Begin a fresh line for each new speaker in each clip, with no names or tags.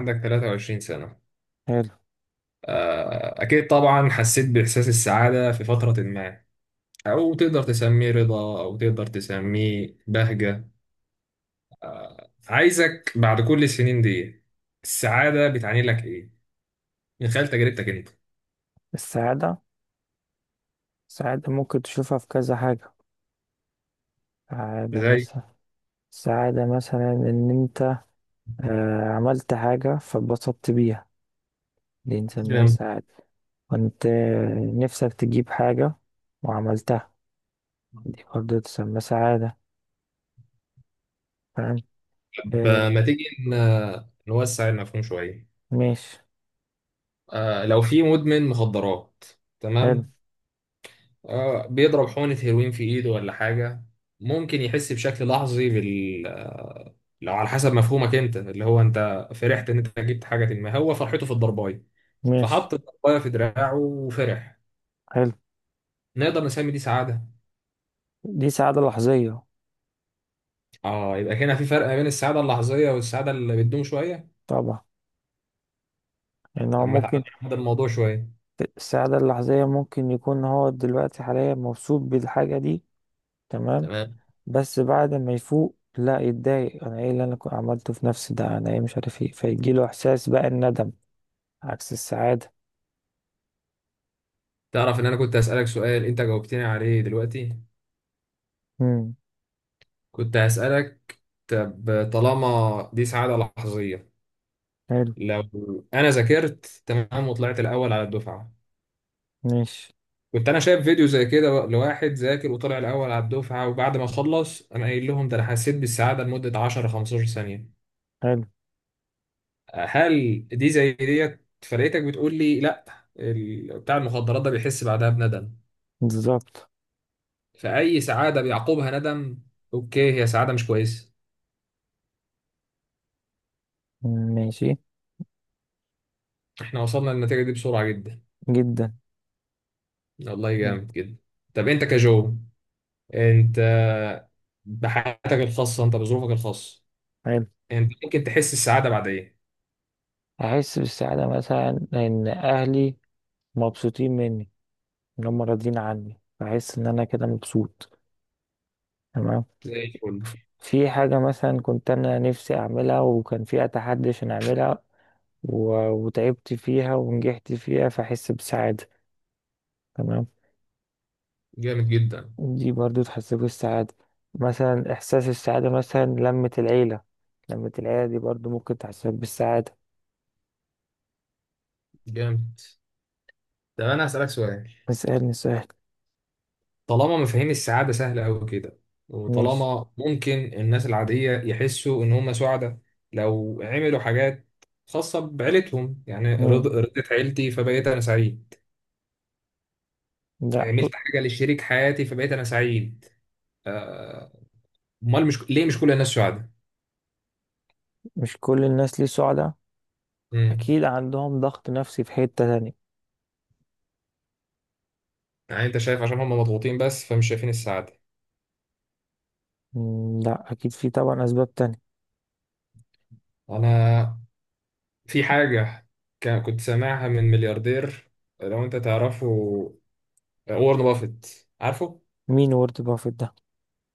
عندك 23 سنة؟
حلو.
آه، أكيد طبعا حسيت بإحساس السعادة في فترة ما، أو تقدر تسميه رضا أو تقدر تسميه بهجة. عايزك بعد كل السنين دي، السعادة بتعني لك إيه؟ من خلال تجربتك أنت.
السعادة السعادة ممكن تشوفها في كذا حاجة. سعادة
زي.
مثلا سعادة مثلا إن أنت عملت حاجة فاتبسطت بيها. دي نسميها
جيم.
سعادة. وأنت نفسك تجيب حاجة وعملتها، دي برضه تسمى سعادة. فاهم؟
طب
آه،
ما تيجي نوسع المفهوم شوية.
ماشي.
لو في مدمن مخدرات،
حلو.
تمام، بيضرب حقنة هيروين في إيده ولا حاجة، ممكن يحس بشكل لحظي بال آه، لو على حسب مفهومك أنت، اللي هو أنت فرحت إن أنت جبت حاجة، ما هو فرحته في الضرباية،
ماشي.
فحط الضرباية في دراعه وفرح.
حلو.
نقدر نسمي دي سعادة؟
دي سعادة لحظية.
يبقى هنا في فرق ما بين السعادة اللحظية والسعادة اللي بتدوم شوية.
طبعا، يعني هو
لما تعالى
ممكن.
نحدد الموضوع شوية.
السعادة اللحظية ممكن يكون هو دلوقتي حاليا مبسوط بالحاجة دي. تمام.
تمام.
بس بعد ما يفوق لا يتضايق، انا ايه اللي انا كنت عملته في نفسي ده، انا ايه، مش عارف ايه، فيجيله احساس بقى الندم، عكس السعادة.
تعرف إن أنا كنت هسألك سؤال أنت جاوبتني عليه دلوقتي؟
امم.
كنت هسألك، طب طالما دي سعادة لحظية،
حلو.
لو انا ذاكرت تمام وطلعت الاول على الدفعه،
ماشي.
كنت انا شايف فيديو زي كده لواحد ذاكر وطلع الاول على الدفعه وبعد ما خلص انا قايل لهم، ده انا حسيت بالسعاده لمده 10-15 ثانيه،
حلو.
هل دي زي ديت؟ فرقتك بتقول لي لا. بتاع المخدرات ده بيحس بعدها بندم،
بالظبط.
فاي سعاده بيعقبها ندم، اوكي هي سعاده مش كويسه.
ماشي.
احنا وصلنا للنتيجه دي بسرعه جدا.
جدا.
والله جامد
جدا.
جدا. طب انت كجو، انت بحياتك الخاصه، انت بظروفك الخاصه،
حلو.
يعني انت ممكن تحس السعادة بعد ايه؟
احس بالسعادة مثلا ان اهلي مبسوطين مني، ان هم راضيين عني، بحس ان انا كده مبسوط. تمام.
زي الفل.
في حاجة مثلا كنت أنا نفسي أعملها وكان في أتحدي عشان أعملها، و- وتعبت فيها ونجحت فيها، فأحس بسعادة. تمام.
جامد جدا.
دي برضو تحسسك بالسعادة. مثلا إحساس السعادة مثلا لمة العيلة، لمة العيلة دي برضو ممكن تحسسك بالسعادة.
جامد. طب انا هسألك سؤال.
اسألني سؤال.
طالما مفاهيم السعادة سهلة قوي كده،
ماشي.
وطالما ممكن الناس العادية يحسوا ان هم سعداء لو عملوا حاجات خاصة بعيلتهم، يعني
مم.
رضيت عيلتي فبقيت انا سعيد،
لا،
عملت حاجة لشريك حياتي فبقيت انا سعيد، آه، امال مش ليه، مش كل الناس سعداء؟
مش كل الناس ليه سعداء.
مم.
أكيد عندهم ضغط نفسي في حتة تانية.
يعني انت شايف عشان هم مضغوطين بس فمش شايفين السعادة.
مم. لا، أكيد في طبعا أسباب تانية.
انا، في حاجة كنت سامعها من ملياردير، لو انت تعرفه، وارن بافيت، عارفه؟
مين وورد بافيت ده؟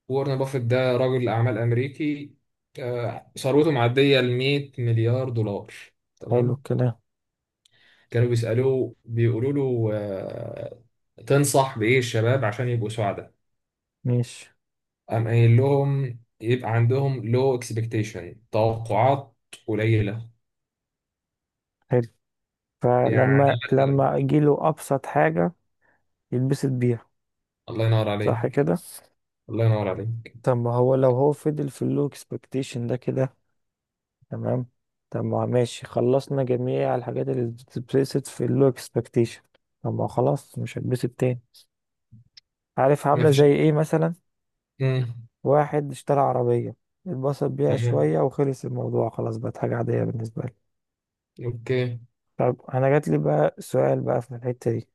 وارن بافيت ده رجل أعمال أمريكي، ثروته معدية ال 100 مليار دولار،
حلو
تمام؟
الكلام.
كانوا بيسألوه، بيقولوا له تنصح بإيه الشباب عشان يبقوا سعداء؟
ماشي.
قام قايل لهم، يبقى عندهم لو اكسبكتيشن، توقعات قليلة.
حلو.
يعني
فلما
مثلا.
لما يجيله أبسط حاجة يتبسط بيها.
الله ينور
صح
عليك.
كده.
الله ينور عليك.
طب ما هو لو هو فضل في اللو اكسبكتيشن ده كده، تمام، طب ما ماشي، خلصنا جميع الحاجات اللي بتتبسط في اللو اكسبكتيشن، طب ما خلاص مش هتبسط تاني. عارف عاملة زي
مفيش.
ايه؟ مثلا واحد اشترى عربية، اتبسط بيها
مم.
شوية وخلص الموضوع خلاص، بقت حاجة عادية بالنسبة له.
اوكي.
طب أنا جاتلي بقى سؤال بقى في الحتة دي.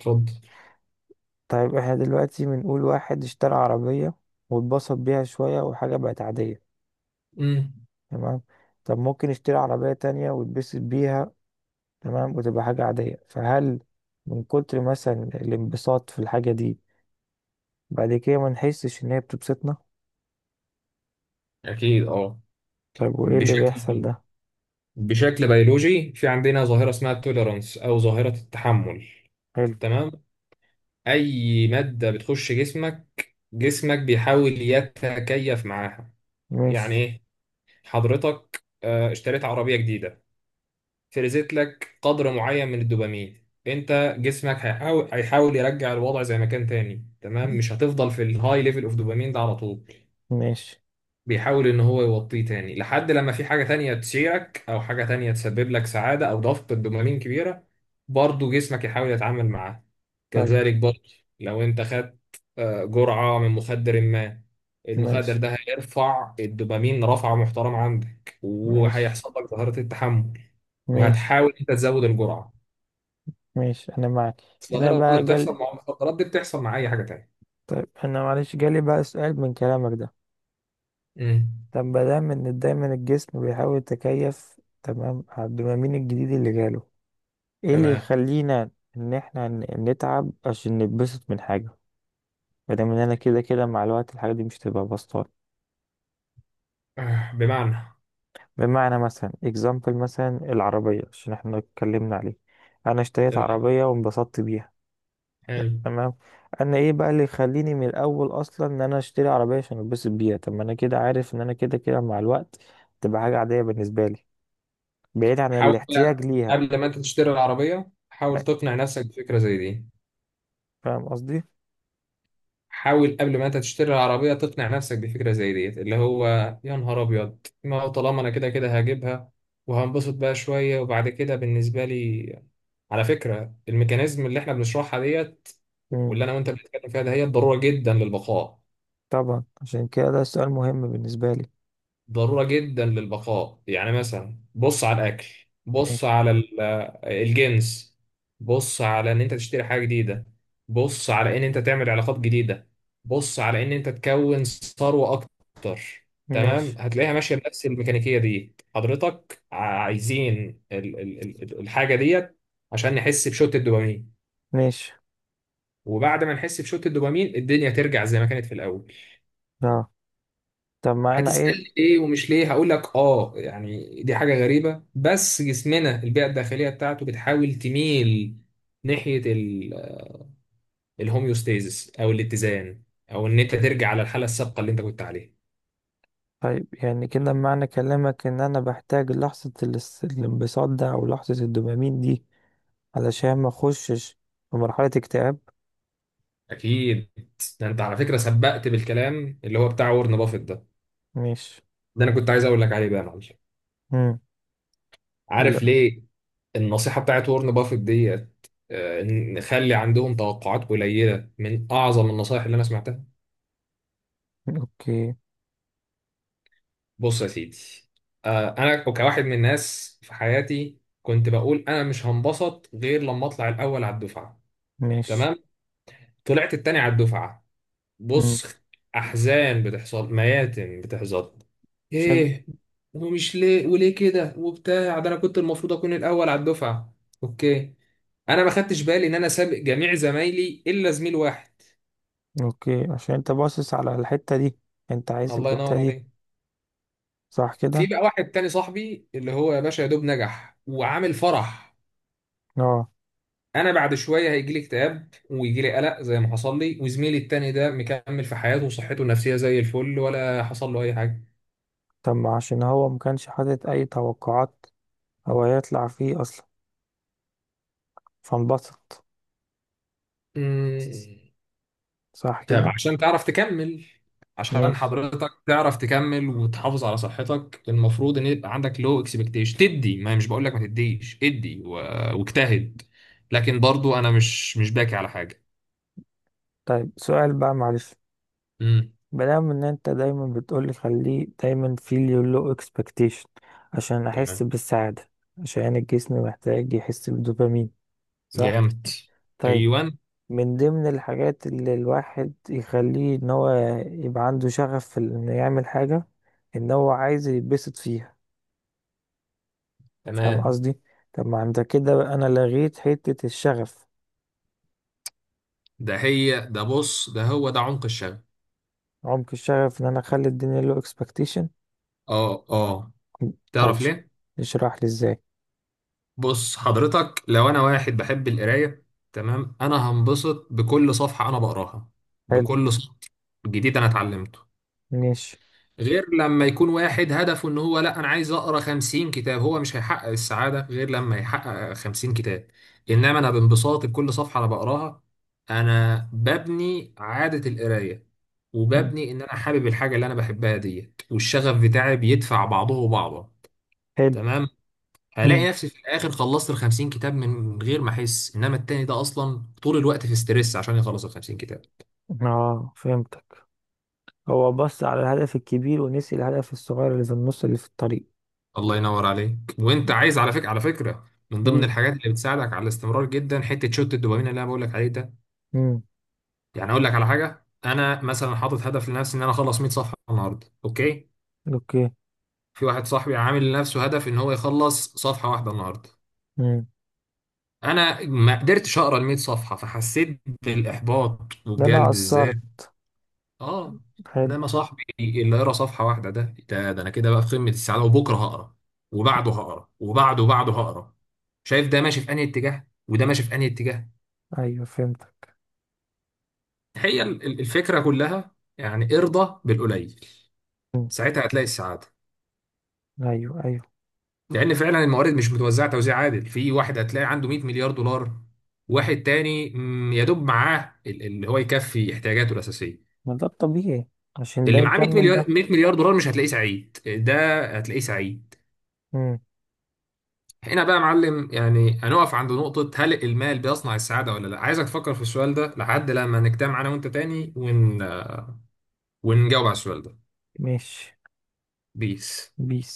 اتفضل.
طيب احنا دلوقتي بنقول واحد اشترى عربية واتبسط بيها شوية، وحاجة بقت عادية.
امم.
تمام. طب ممكن يشتري عربية تانية ويتبسط بيها، تمام، وتبقى حاجة عادية. فهل من كتر مثلا الانبساط في الحاجة دي، بعد كده ما نحسش إن هي بتبسطنا؟
اكيد اه.
طيب وإيه اللي بيحصل
بشكل
ده؟
بشكل بيولوجي في عندنا ظاهره اسمها التوليرانس، او ظاهره التحمل.
حلو.
تمام. اي ماده بتخش جسمك بيحاول يتكيف معاها. يعني
ماشي.
ايه؟ حضرتك اشتريت عربيه جديده، فرزت لك قدر معين من الدوبامين. انت جسمك هيحاول يرجع الوضع زي ما كان تاني، تمام، مش هتفضل في الهاي ليفل اوف دوبامين ده على طول،
ماشي.
بيحاول ان هو يوطيه تاني لحد لما في حاجة تانية تشيرك او حاجة تانية تسبب لك سعادة او ضغط دوبامين كبيرة، برضه جسمك يحاول يتعامل معاه.
طيب.
كذلك برضه، لو انت خدت جرعة من مخدر ما، المخدر
ماشي.
ده هيرفع الدوبامين رفعة محترمة عندك
ماشي.
وهيحصل لك ظاهرة التحمل،
ماشي.
وهتحاول انت تزود الجرعة.
ماشي، أنا معاك. أنا
الظاهرة اللي
بقى
بتحصل
جال،
مع المخدرات دي بتحصل مع اي حاجة تانية.
طيب أنا معلش جالي بقى سؤال من كلامك ده.
امم.
طب ما دام إن دايما الجسم بيحاول يتكيف تمام على الدوبامين الجديد اللي جاله، إيه اللي
تمام.
يخلينا إن إحنا نتعب عشان نتبسط من حاجة، مادام ان انا كده كده مع الوقت الحاجات دي مش تبقى بسطات؟
بمعنى،
بمعنى مثلا اكزامبل، مثلا العربية عشان احنا اتكلمنا عليه، انا اشتريت
تمام،
عربية وانبسطت بيها،
حلو.
تمام، انا ايه بقى اللي يخليني من الاول اصلا ان انا اشتري عربية عشان انبسط بيها؟ طب ما انا كده عارف ان انا كده كده مع الوقت تبقى حاجة عادية بالنسبة لي، بعيد عن
حاول
الاحتياج
بقى،
ليها.
قبل ما انت تشتري العربية حاول تقنع نفسك بفكرة زي دي،
فاهم قصدي؟
حاول قبل ما انت تشتري العربية تقنع نفسك بفكرة زي دي، اللي هو يا نهار ابيض ما هو طالما انا كده كده هجيبها وهنبسط بقى شوية وبعد كده بالنسبة لي. على فكرة، الميكانيزم اللي احنا بنشرحها ديت،
مم.
واللي انا وانت بنتكلم فيها ده، هي الضرورة جدا للبقاء.
طبعا عشان كده ده سؤال مهم بالنسبة لي.
ضرورة جدا للبقاء، يعني مثلا بص على الأكل، بص
ماشي.
على الجنس، بص على إن أنت تشتري حاجة جديدة، بص على إن أنت تعمل علاقات جديدة، بص على إن أنت تكون ثروة أكتر. تمام،
ماشي.
هتلاقيها ماشية بنفس الميكانيكية دي. حضرتك عايزين الحاجة ديت عشان نحس بشوت الدوبامين،
ماشي.
وبعد ما نحس بشوت الدوبامين الدنيا ترجع زي ما كانت في الأول.
اه. طب ما انا ايه.
هتسألني ليه ومش ليه، هقول لك اه يعني دي حاجة غريبة، بس جسمنا البيئة الداخلية بتاعته بتحاول تميل ناحية الهوميوستيزس او الاتزان، او ان انت ترجع على الحالة السابقة اللي انت كنت عليها.
طيب يعني كده معنى كلامك ان انا بحتاج لحظة الانبساط ده او لحظة الدوبامين دي، علشان ما اخشش في مرحلة اكتئاب.
اكيد. ده انت على فكرة سبقت بالكلام اللي هو بتاع وورن بافيت ده،
ماشي.
ده انا كنت عايز اقول لك عليه بقى يا معلم.
مم.
عارف
لا.
ليه؟ النصيحة بتاعت وورن بافيت ديت، نخلي عندهم توقعات قليلة، من اعظم النصائح اللي انا سمعتها.
اوكي.
بص يا سيدي، انا كواحد من الناس في حياتي كنت بقول انا مش هنبسط غير لما اطلع الاول على الدفعه.
ماشي.
تمام؟ طلعت التاني على الدفعه.
مم.
بص، احزان بتحصل، مياتم بتحصل،
عشان.
ايه ومش ليه وليه كده وبتاع، ده انا كنت المفروض اكون الاول على الدفعه. اوكي. انا ما خدتش بالي ان انا سابق جميع زمايلي الا زميل واحد.
اوكي، عشان انت باصص على الحتة دي، انت عايز
الله
الحتة
ينور
دي.
عليك.
صح
في
كده.
بقى واحد تاني صاحبي اللي هو يا باشا يا دوب نجح وعامل فرح،
اه.
انا بعد شويه هيجي لي اكتئاب ويجي لي قلق زي ما حصل لي، وزميلي التاني ده مكمل في حياته وصحته النفسيه زي الفل ولا حصل له اي حاجه.
طب ما عشان هو مكانش حاطط اي توقعات، هو هيطلع فيه اصلا، فانبسط.
أمم،
صح
طب
كده.
عشان تعرف تكمل، عشان
ماشي.
حضرتك تعرف تكمل وتحافظ على صحتك، المفروض ان يبقى عندك لو اكسبكتيشن تدي، ما مش بقول لك ما تديش، ادي واجتهد، لكن برضو انا مش باكي على حاجه.
طيب سؤال بقى معلش.
امم.
بنعمل ان انت دايما بتقولي خليه دايما feel your low expectation عشان احس
تمام.
بالسعادة، عشان الجسم محتاج يحس بالدوبامين. صح.
جامد.
طيب.
ايوه.
من ضمن الحاجات اللي الواحد يخليه ان هو يبقى عنده شغف في انه يعمل حاجة، ان هو عايز يتبسط فيها. فاهم
تمام.
قصدي؟ طب ما انت كده بقى انا لغيت حتة الشغف.
ده هي ده، بص، ده هو ده عمق الشغف.
عمق الشغف ان انا اخلي الدنيا low expectation.
اه اه.
طب
تعرف ليه؟
اشرح لي ازاي.
بص حضرتك، لو انا واحد بحب القرايه، تمام، انا هنبسط بكل صفحه انا بقراها،
حلو.
بكل سطر جديد انا اتعلمته،
ماشي.
غير لما يكون واحد هدفه ان هو، لا انا عايز اقرا 50 كتاب، هو مش هيحقق السعاده غير لما يحقق 50 كتاب، انما انا بانبساط بكل صفحه انا بقراها، انا ببني عاده القرايه،
مم.
وببني ان انا حابب الحاجه اللي انا بحبها ديت، والشغف بتاعي بيدفع بعضه بعضا.
حلو.
تمام، هلاقي نفسي في الاخر خلصت ال 50 كتاب من غير ما احس، انما التاني ده اصلا طول الوقت في ستريس عشان يخلص ال 50 كتاب.
اه فهمتك. هو بص على الهدف الكبير ونسي الهدف الصغير اللي في النص اللي في الطريق.
الله ينور عليك. وانت عايز على فكره، من ضمن
امم.
الحاجات اللي بتساعدك على الاستمرار جدا حته شوت الدوبامين اللي انا بقول لك عليه ده.
امم.
يعني اقول لك على حاجه، انا مثلا حاطط هدف لنفسي ان انا اخلص 100 صفحه النهارده، اوكي،
اوكي.
في واحد صاحبي عامل لنفسه هدف ان هو يخلص صفحه واحده النهارده،
امم.
انا ما قدرتش اقرا ال 100 صفحه فحسيت بالاحباط
ده انا
وبجلد الذات،
قصرت.
اه،
حلو.
انما صاحبي اللي يقرا صفحه واحده ده انا كده بقى في قمه السعاده، وبكره هقرا وبعده هقرا وبعده وبعده هقرا. شايف ده ماشي في انهي اتجاه وده ماشي في انهي اتجاه؟
ايوه فهمتك.
هي الفكره كلها يعني ارضى بالقليل،
مم.
ساعتها هتلاقي السعاده،
ايوه ايوه.
لان فعلا الموارد مش متوزعه توزيع عادل، في واحد هتلاقي عنده 100 مليار دولار، واحد تاني يا دوب معاه اللي هو يكفي احتياجاته الاساسيه.
ما ده الطبيعي، عشان ده
اللي معاه 100
يكمل
مليار،
ده.
100 مليار دولار مش هتلاقيه سعيد، ده هتلاقيه سعيد.
امم.
هنا بقى يا معلم يعني هنقف عند نقطة، هل المال بيصنع السعادة ولا لا؟ عايزك تفكر في السؤال ده لحد لما نجتمع أنا وأنت تاني ونجاوب على السؤال ده.
ماشي.
بيس.
بيس.